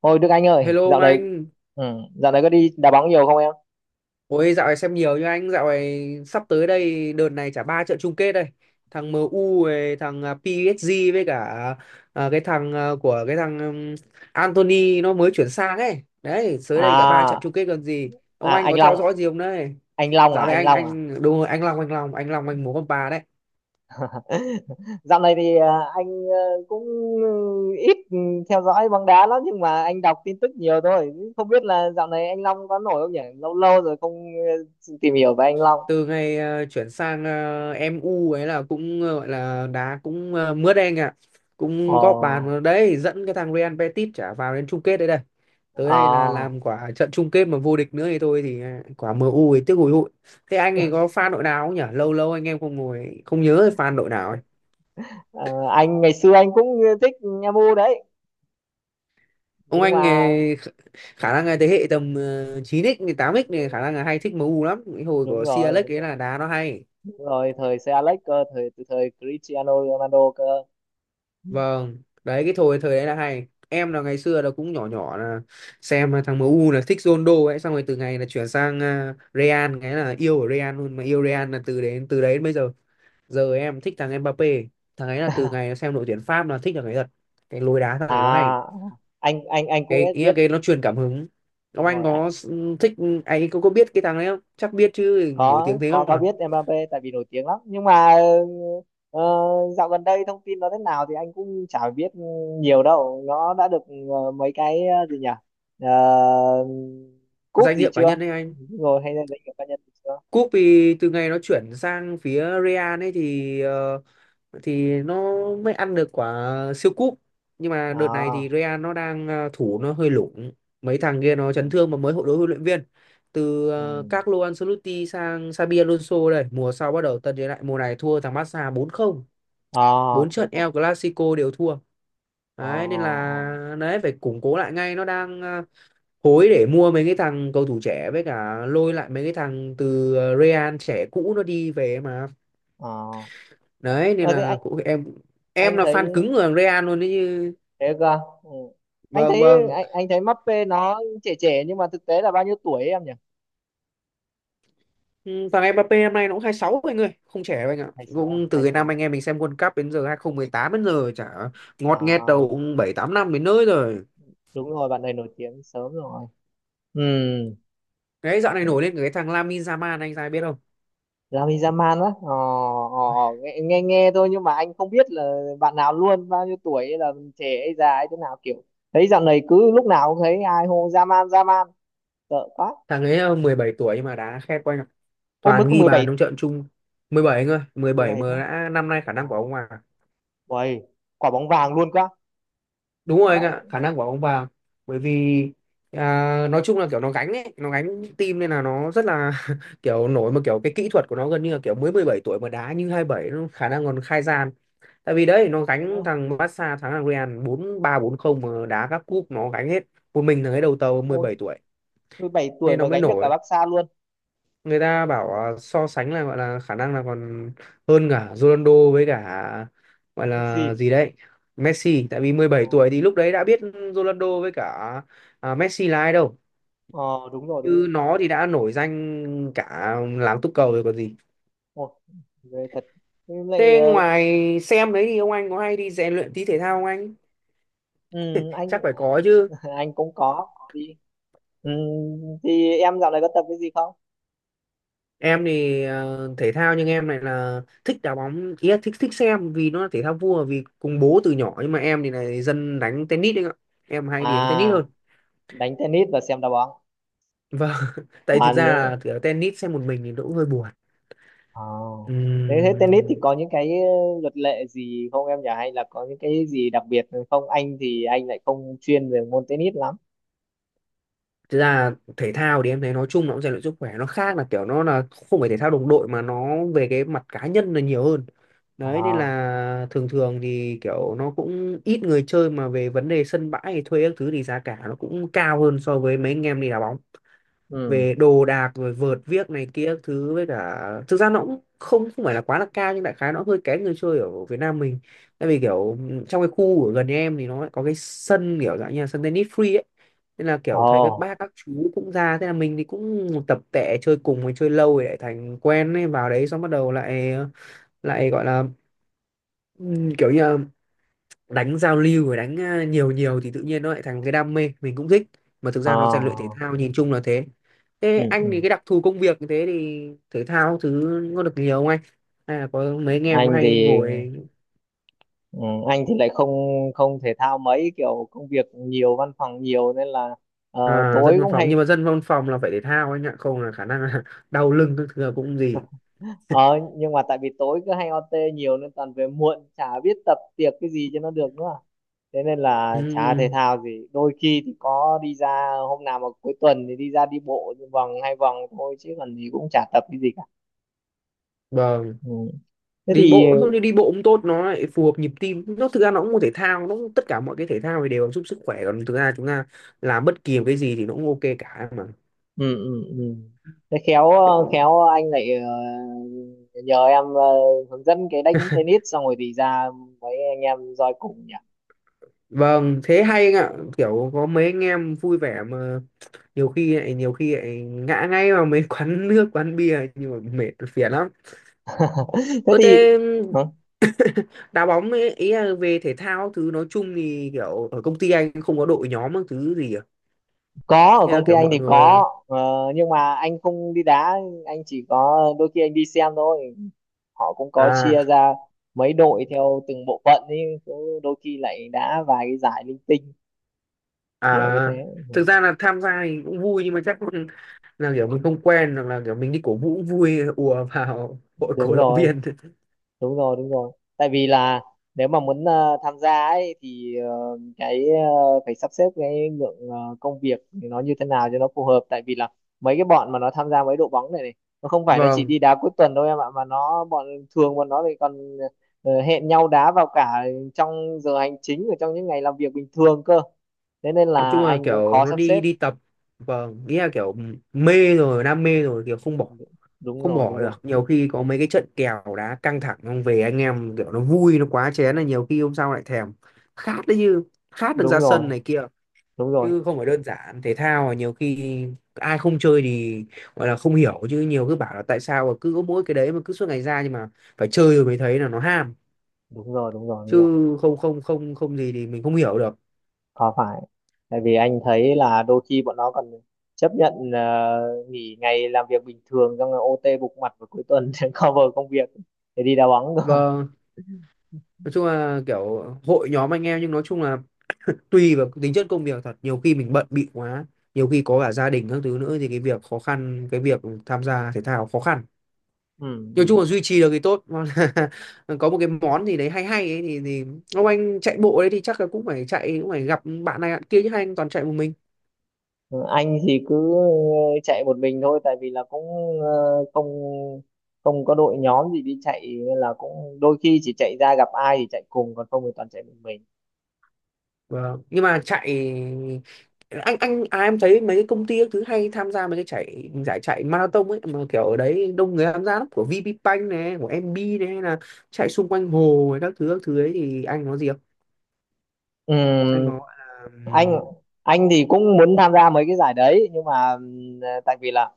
Ôi Đức Anh ơi, Hello ông dạo này anh, ừ, dạo này có đi đá bóng nhiều không em? ôi dạo này xem nhiều như anh, dạo này sắp tới đây đợt này chả ba trận chung kết đây, thằng MU với thằng PSG với cả cái thằng của cái thằng Anthony nó mới chuyển sang ấy, đấy tới đây chả ba trận À, chung kết gần gì, ông à, anh có theo dõi gì không đấy? anh Long à, Dạo này anh anh Long à. anh đúng rồi anh Long anh Long anh Long anh muốn con bà đấy. Dạo này thì anh cũng ít theo dõi bóng đá lắm nhưng mà anh đọc tin tức nhiều thôi. Không biết là dạo này anh Long có nổi không nhỉ? Lâu lâu rồi không tìm hiểu về anh Long. Từ ngày chuyển sang MU ấy là cũng gọi là đá cũng mướt anh ạ, cũng góp bàn Ồ, vào đấy dẫn cái thằng Real Betis trả vào đến chung kết đấy đây. Tới đây là à. làm quả trận chung kết mà vô địch nữa thì thôi thì quả MU ấy tiếc hùi hụi. Thế anh ấy có fan đội nào không nhỉ, lâu lâu anh em không ngồi không nhớ fan đội nào ấy. Ờ, anh ngày xưa anh cũng thích Nha Mu đấy, Ông nhưng anh mà khả ừ, năng là thế hệ tầm 9x tám x này khả năng là hay thích MU lắm, cái hồi đúng của Sir rồi, Alex đúng ấy rồi. là đá nó hay. Đúng rồi, thời xe Alex cơ, từ thời Cristiano Ronaldo cơ. Vâng, đấy cái thời thời đấy là hay. Em là ngày xưa là cũng nhỏ nhỏ là xem thằng em u là thích Ronaldo ấy, xong rồi từ ngày là chuyển sang Real cái là yêu ở Real luôn, mà yêu Real là từ đấy đến bây giờ. Giờ em thích thằng Mbappé, thằng ấy là từ ngày xem đội tuyển Pháp là thích thằng ấy thật. Cái lối đá thằng này nó hay. à anh cũng Cái ý là biết. cái nó truyền cảm hứng. Ông Đúng anh rồi ạ. có thích, anh có biết cái thằng đấy không? Chắc biết chứ, nổi tiếng có thế có không có à. biết Mbappé tại vì nổi tiếng lắm, nhưng mà ờ, dạo gần đây thông tin nó thế nào thì anh cũng chả biết nhiều đâu. Nó đã được mấy cái gì nhỉ, Ờ, cúp Danh gì hiệu cá chưa nhân đấy anh. rồi hay là danh hiệu cá nhân gì chưa? Cúp thì từ ngày nó chuyển sang phía Real ấy thì nó mới ăn được quả siêu cúp, nhưng mà đợt này thì À, Real nó đang thủ nó hơi lủng, mấy thằng kia nó ừ, chấn thương mà mới hội đối huấn luyện viên từ ừ. Carlo Ancelotti sang Xabi Alonso. Đây mùa sau bắt đầu tân thế lại, mùa này thua thằng Barca 4-0, À, 4 thế trận cơ. El Clasico đều thua. Ờ, Đấy nên ờ, là đấy phải củng cố lại ngay, nó đang hối để mua mấy cái thằng cầu thủ trẻ, với cả lôi lại mấy cái thằng từ Real trẻ cũ nó đi về mà. ờ, ờ. Đấy nên Ờ, thế là anh cũng em anh là thấy fan cứng của thằng Real luôn đấy chứ. thế cơ, ừ. anh Vâng thấy vâng. anh anh thấy Mbappé nó trẻ trẻ nhưng mà thực tế là bao nhiêu tuổi ấy em nhỉ? Ừ, thằng Mbappé năm nay nó cũng 26 anh ơi, không trẻ đâu anh ạ, 26 à? cũng từ Hai cái sáu. năm anh em mình xem World Cup đến giờ, 2018 đến giờ chả ngọt nghẹt à đầu cũng bảy tám năm đến nơi rồi. Đúng rồi, bạn này nổi tiếng sớm rồi. Ừ. Cái dạo này nổi lên cái thằng Lamine Yamal anh ra biết không? Lamine Yamal á, nghe, nghe thôi nhưng mà anh không biết là bạn nào luôn, bao nhiêu tuổi hay là trẻ hay già hay thế nào, kiểu thấy dạo này cứ lúc nào cũng thấy ai hô Yamal Yamal. Sợ quá. Thằng ấy 17 tuổi nhưng mà đá khét quá anh ạ, Ôi mới toàn có ghi 17, bàn trong trận chung. 17 anh ơi, mười mười bảy bảy mà thôi. đã, năm nay khả năng của Wow. ông mà. Uầy, quả bóng vàng luôn quá Đúng rồi anh ạ, vậy. khả năng của ông vào. Bởi vì nói chung là kiểu nó gánh ấy, nó gánh team nên là nó rất là kiểu nổi, mà kiểu cái kỹ thuật của nó gần như là kiểu mới 17 tuổi mà đá như 27, nó khả năng còn khai gian, tại vì đấy nó Thế á? gánh thằng Barca thắng thằng Real 4-3 4-0 mà đá các cúp nó gánh hết, một mình thằng ấy đầu tàu mười Ôi, bảy tuổi 17 tuổi Nên nó mà mới gánh được cả nổi, Barca luôn. người ta bảo so sánh là gọi là khả năng là còn hơn cả Ronaldo với cả gọi là Gì? gì đấy Messi, tại vì mười Ờ, bảy tuổi thì lúc đấy đã biết Ronaldo với cả Messi là ai đâu, ờ, đúng rồi đúng chứ rồi. nó thì đã nổi danh cả làng túc cầu rồi còn gì. Ồ, về thật. Nhưng lại Thế ngoài xem đấy thì ông anh có hay đi rèn luyện tí thể thao không anh, ừ, anh chắc phải có chứ. anh cũng có đi. ừ, thì em dạo này có tập cái gì không? Em thì thể thao, nhưng em này là thích đá bóng, ý là thích thích xem vì nó là thể thao vua vì cùng bố từ nhỏ, nhưng mà em thì này dân đánh tennis đấy ạ, em hay à đi đánh tennis hơn. Đánh tennis và xem đá bóng. Vâng. Tại thực Toàn ra là những kiểu tennis xem một mình thì nó cũng hơi buồn. ờ. Thế thế tennis thì Ừm, có những cái luật lệ gì không em nhỉ, hay là có những cái gì đặc biệt không? Anh thì anh lại không chuyên về môn tennis lắm. Thực ra thể thao thì em thấy nói chung nó cũng rèn luyện sức khỏe, nó khác là kiểu nó là không phải thể thao đồng đội mà nó về cái mặt cá nhân là nhiều hơn. Đấy nên À. là thường thường thì kiểu nó cũng ít người chơi, mà về vấn đề sân bãi hay thuê các thứ thì giá cả nó cũng cao hơn so với mấy anh em đi đá bóng, Ừ. về đồ đạc rồi vợt viếc này kia các thứ. Với cả thực ra nó cũng không không phải là quá là cao, nhưng đại khái nó hơi kén người chơi ở Việt Nam mình. Tại vì kiểu trong cái khu ở gần nhà em thì nó lại có cái sân kiểu dạng như là sân tennis free ấy, nên là Ồ. kiểu thấy các bác các chú cũng ra, thế là mình thì cũng tập tệ chơi cùng, mình chơi lâu rồi lại thành quen ấy, vào đấy xong bắt đầu lại lại gọi là ừ, kiểu như là đánh giao lưu và đánh nhiều nhiều thì tự nhiên nó lại thành cái đam mê, mình cũng thích, mà thực Ờ, ra nó rèn luyện thể ờ. thao nhìn chung là thế. Thế Ừ, anh thì ừ. cái đặc thù công việc như thế thì thể thao thứ có được nhiều không anh, hay là có mấy anh em anh hay thì ngồi. Ừ, anh thì lại không không thể thao mấy, kiểu công việc nhiều văn phòng nhiều nên là tối Dân văn cũng phòng nhưng hay mà dân văn phòng là phải thể thao anh ạ, không là khả năng là đau lưng các thứ là cũng gì. ờ, nhưng mà tại vì tối cứ hay OT nhiều nên toàn về muộn, chả biết tập tiệc cái gì cho nó được nữa. Thế nên là chả thể Ừm, thao gì, đôi khi thì có đi ra hôm nào mà cuối tuần thì đi ra đi bộ vòng hai vòng thôi chứ còn gì, cũng chả tập cái gì cả. vâng. Ừ. Thế Đi thì, bộ thôi, đi đi bộ cũng tốt, nó lại phù hợp nhịp tim, nó thực ra nó cũng một thể thao, nó cũng, tất cả mọi cái thể thao thì đều giúp sức khỏe, còn thực ra chúng ta làm bất kỳ một cái gì thì nó cũng ok cả mà. ừ, ừ, ừ, thế khéo anh lại ờ, nhờ em hướng dẫn cái đánh tennis xong rồi thì ra mấy anh em roi cùng nhỉ. Vâng, thế hay anh ạ, kiểu có mấy anh em vui vẻ mà nhiều khi lại ngã ngay vào mấy quán nước, quán bia nhưng mà mệt phiền lắm. Thế Ơ thì thế hả? đá bóng ấy, ý là về thể thao thứ nói chung thì kiểu ở công ty anh không có đội nhóm các thứ gì à? Có, ở Ý là công ty kiểu anh mọi thì người có nhưng mà anh không đi đá, anh chỉ có đôi khi anh đi xem thôi. Họ cũng có chia à ra mấy đội theo từng bộ phận ấy, cứ đôi khi lại đá vài cái giải linh tinh kiểu như thế. à Ừ, thực ra là tham gia thì cũng vui, nhưng mà chắc là kiểu mình không quen, hoặc là kiểu mình đi cổ vũ cũng vui, ùa vào hội đúng cổ động rồi viên. đúng rồi đúng rồi. Tại vì là nếu mà muốn tham gia ấy thì phải sắp xếp cái lượng công việc nó như thế nào cho nó phù hợp, tại vì là mấy cái bọn mà nó tham gia mấy đội bóng này này, nó không phải nó chỉ Vâng. đi đá cuối tuần đâu em ạ, mà nó bọn thường bọn nó thì còn hẹn nhau đá vào cả trong giờ hành chính và trong những ngày làm việc bình thường cơ, thế nên Nói là chung là anh cũng kiểu khó nó sắp đi xếp. đi tập, vâng, nghĩa là kiểu mê rồi, đam mê rồi kiểu không bỏ Đúng không rồi, đúng bỏ được, rồi, nhiều khi có mấy cái trận kèo đá căng thẳng, không về anh em kiểu nó vui nó quá chén là nhiều khi hôm sau lại thèm khát đấy, như khát được đúng ra sân rồi, này kia, đúng rồi, chứ không phải đơn giản. Thể thao là nhiều khi ai không chơi thì gọi là không hiểu, chứ nhiều cứ bảo là tại sao mà cứ có mỗi cái đấy mà cứ suốt ngày ra, nhưng mà phải chơi rồi mới thấy là nó ham, đúng rồi, đúng rồi, đúng chứ rồi. không không không không gì thì mình không hiểu được. Có phải, tại vì anh thấy là đôi khi bọn nó còn chấp nhận nghỉ ngày làm việc bình thường xong rồi OT bục mặt vào cuối tuần, để cover công việc, để đi đá bóng cơ. Vâng, nói chung là kiểu hội nhóm anh em, nhưng nói chung là tùy vào tính chất công việc thật, nhiều khi mình bận bịu quá, nhiều khi có cả gia đình các thứ nữa thì cái việc khó khăn, cái việc tham gia thể thao khó khăn. Ừ. Nói chung Ừ. là duy trì được thì tốt. Còn là có một cái món gì đấy hay hay ấy, thì ông anh chạy bộ đấy thì chắc là cũng phải chạy, cũng phải gặp bạn này bạn kia chứ, hai anh toàn chạy một mình. Ừ, anh thì cứ chạy một mình thôi tại vì là cũng không không có đội nhóm gì đi chạy nên là cũng đôi khi chỉ chạy ra gặp ai thì chạy cùng, còn không thì toàn chạy một mình. Vâng. Nhưng mà chạy, em thấy mấy cái công ty các thứ hay tham gia mấy cái chạy giải chạy marathon ấy, mà kiểu ở đấy đông người tham gia lắm, của VPBank này của MB này, hay là chạy xung quanh hồ ấy, các thứ ấy thì anh có gì không, anh có Ừ. gọi là anh anh thì cũng muốn tham gia mấy cái giải đấy nhưng mà tại vì là,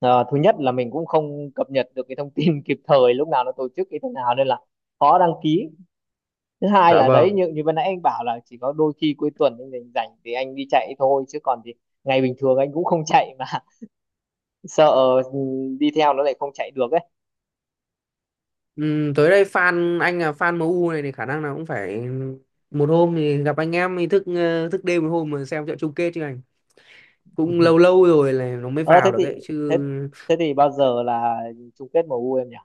Thứ nhất là mình cũng không cập nhật được cái thông tin kịp thời lúc nào nó tổ chức như thế nào nên là khó đăng ký. Thứ hai dạ là đấy, vâng. như như vừa nãy anh bảo là chỉ có đôi khi cuối tuần anh rảnh rảnh thì anh đi chạy thôi chứ còn thì ngày bình thường anh cũng không chạy mà. Sợ, ừ, đi theo nó lại không chạy được ấy. Tới đây fan anh là fan MU này thì khả năng là cũng phải một hôm thì gặp anh em thì thức đêm một hôm mà xem trận chung kết chứ anh, cũng lâu lâu rồi là nó mới ờ thế vào được thì ấy chứ. thế thế thì bao giờ là chung kết MU em nhỉ?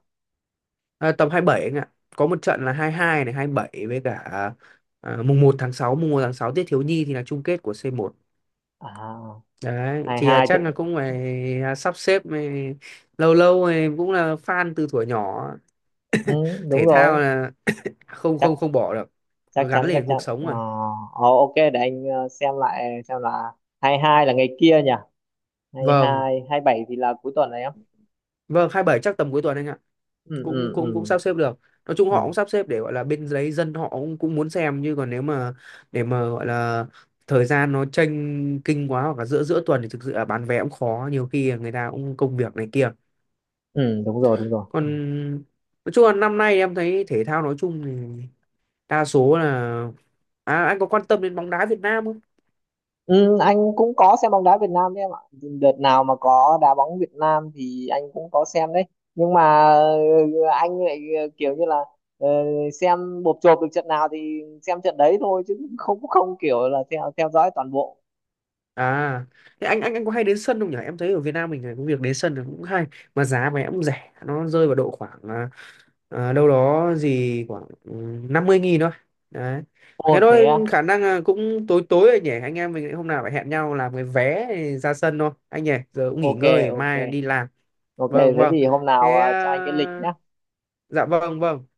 À, tầm 27 anh ạ. Có một trận là 22 này, 27, với cả mùng 1 tháng 6, mùng 1 tháng 6 Tiết Thiếu Nhi thì là chung kết của C1. à Đấy, hai thì hai tự, chắc là cũng phải sắp xếp, lâu lâu, cũng là fan từ thuở nhỏ. ừ, đúng Thể rồi. thao là không Chắc không không bỏ được. Nó Chắc gắn chắn, chắc liền chắn cuộc sống ờ rồi. Ok, để anh xem lại xem là 22 là ngày kia nhỉ? hai Vâng, hai 27 thì là cuối tuần này em? vâng 27 chắc tầm cuối tuần anh ạ. Ừ, Cũng ừ, cũng cũng ừ, sắp xếp được, nói chung họ ừ, cũng sắp xếp để gọi là bên đấy dân họ cũng cũng muốn xem chứ, còn nếu mà để mà gọi là thời gian nó chênh kinh quá, hoặc là giữa giữa tuần thì thực sự là bán vé cũng khó, nhiều khi là người ta cũng công việc này kia, ừ, đúng rồi đúng rồi. còn nói chung là năm nay em thấy thể thao nói chung thì đa số là, anh có quan tâm đến bóng đá Việt Nam không? Ừ, anh cũng có xem bóng đá Việt Nam đấy em ạ. Đợt nào mà có đá bóng Việt Nam thì anh cũng có xem đấy. Nhưng mà anh lại kiểu như là ờ, xem bộp chộp được trận nào thì xem trận đấy thôi, chứ không không kiểu là theo theo dõi toàn bộ. À, thế anh có hay đến sân không nhỉ? Em thấy ở Việt Nam mình này, cái việc đến sân là cũng hay, mà giá vé cũng rẻ, nó rơi vào độ khoảng đâu đó gì khoảng 50.000 thôi. Đấy. Thế Ồ, thế à? thôi khả năng là cũng tối tối rồi nhỉ. Anh em mình hôm nào phải hẹn nhau làm cái vé ra sân thôi. Anh nhỉ, giờ cũng nghỉ Ok, ngơi ok, mai đi làm. ok, Vâng thế vâng. thì hôm nào Thế cho anh cái lịch à, nhá. dạ vâng vâng.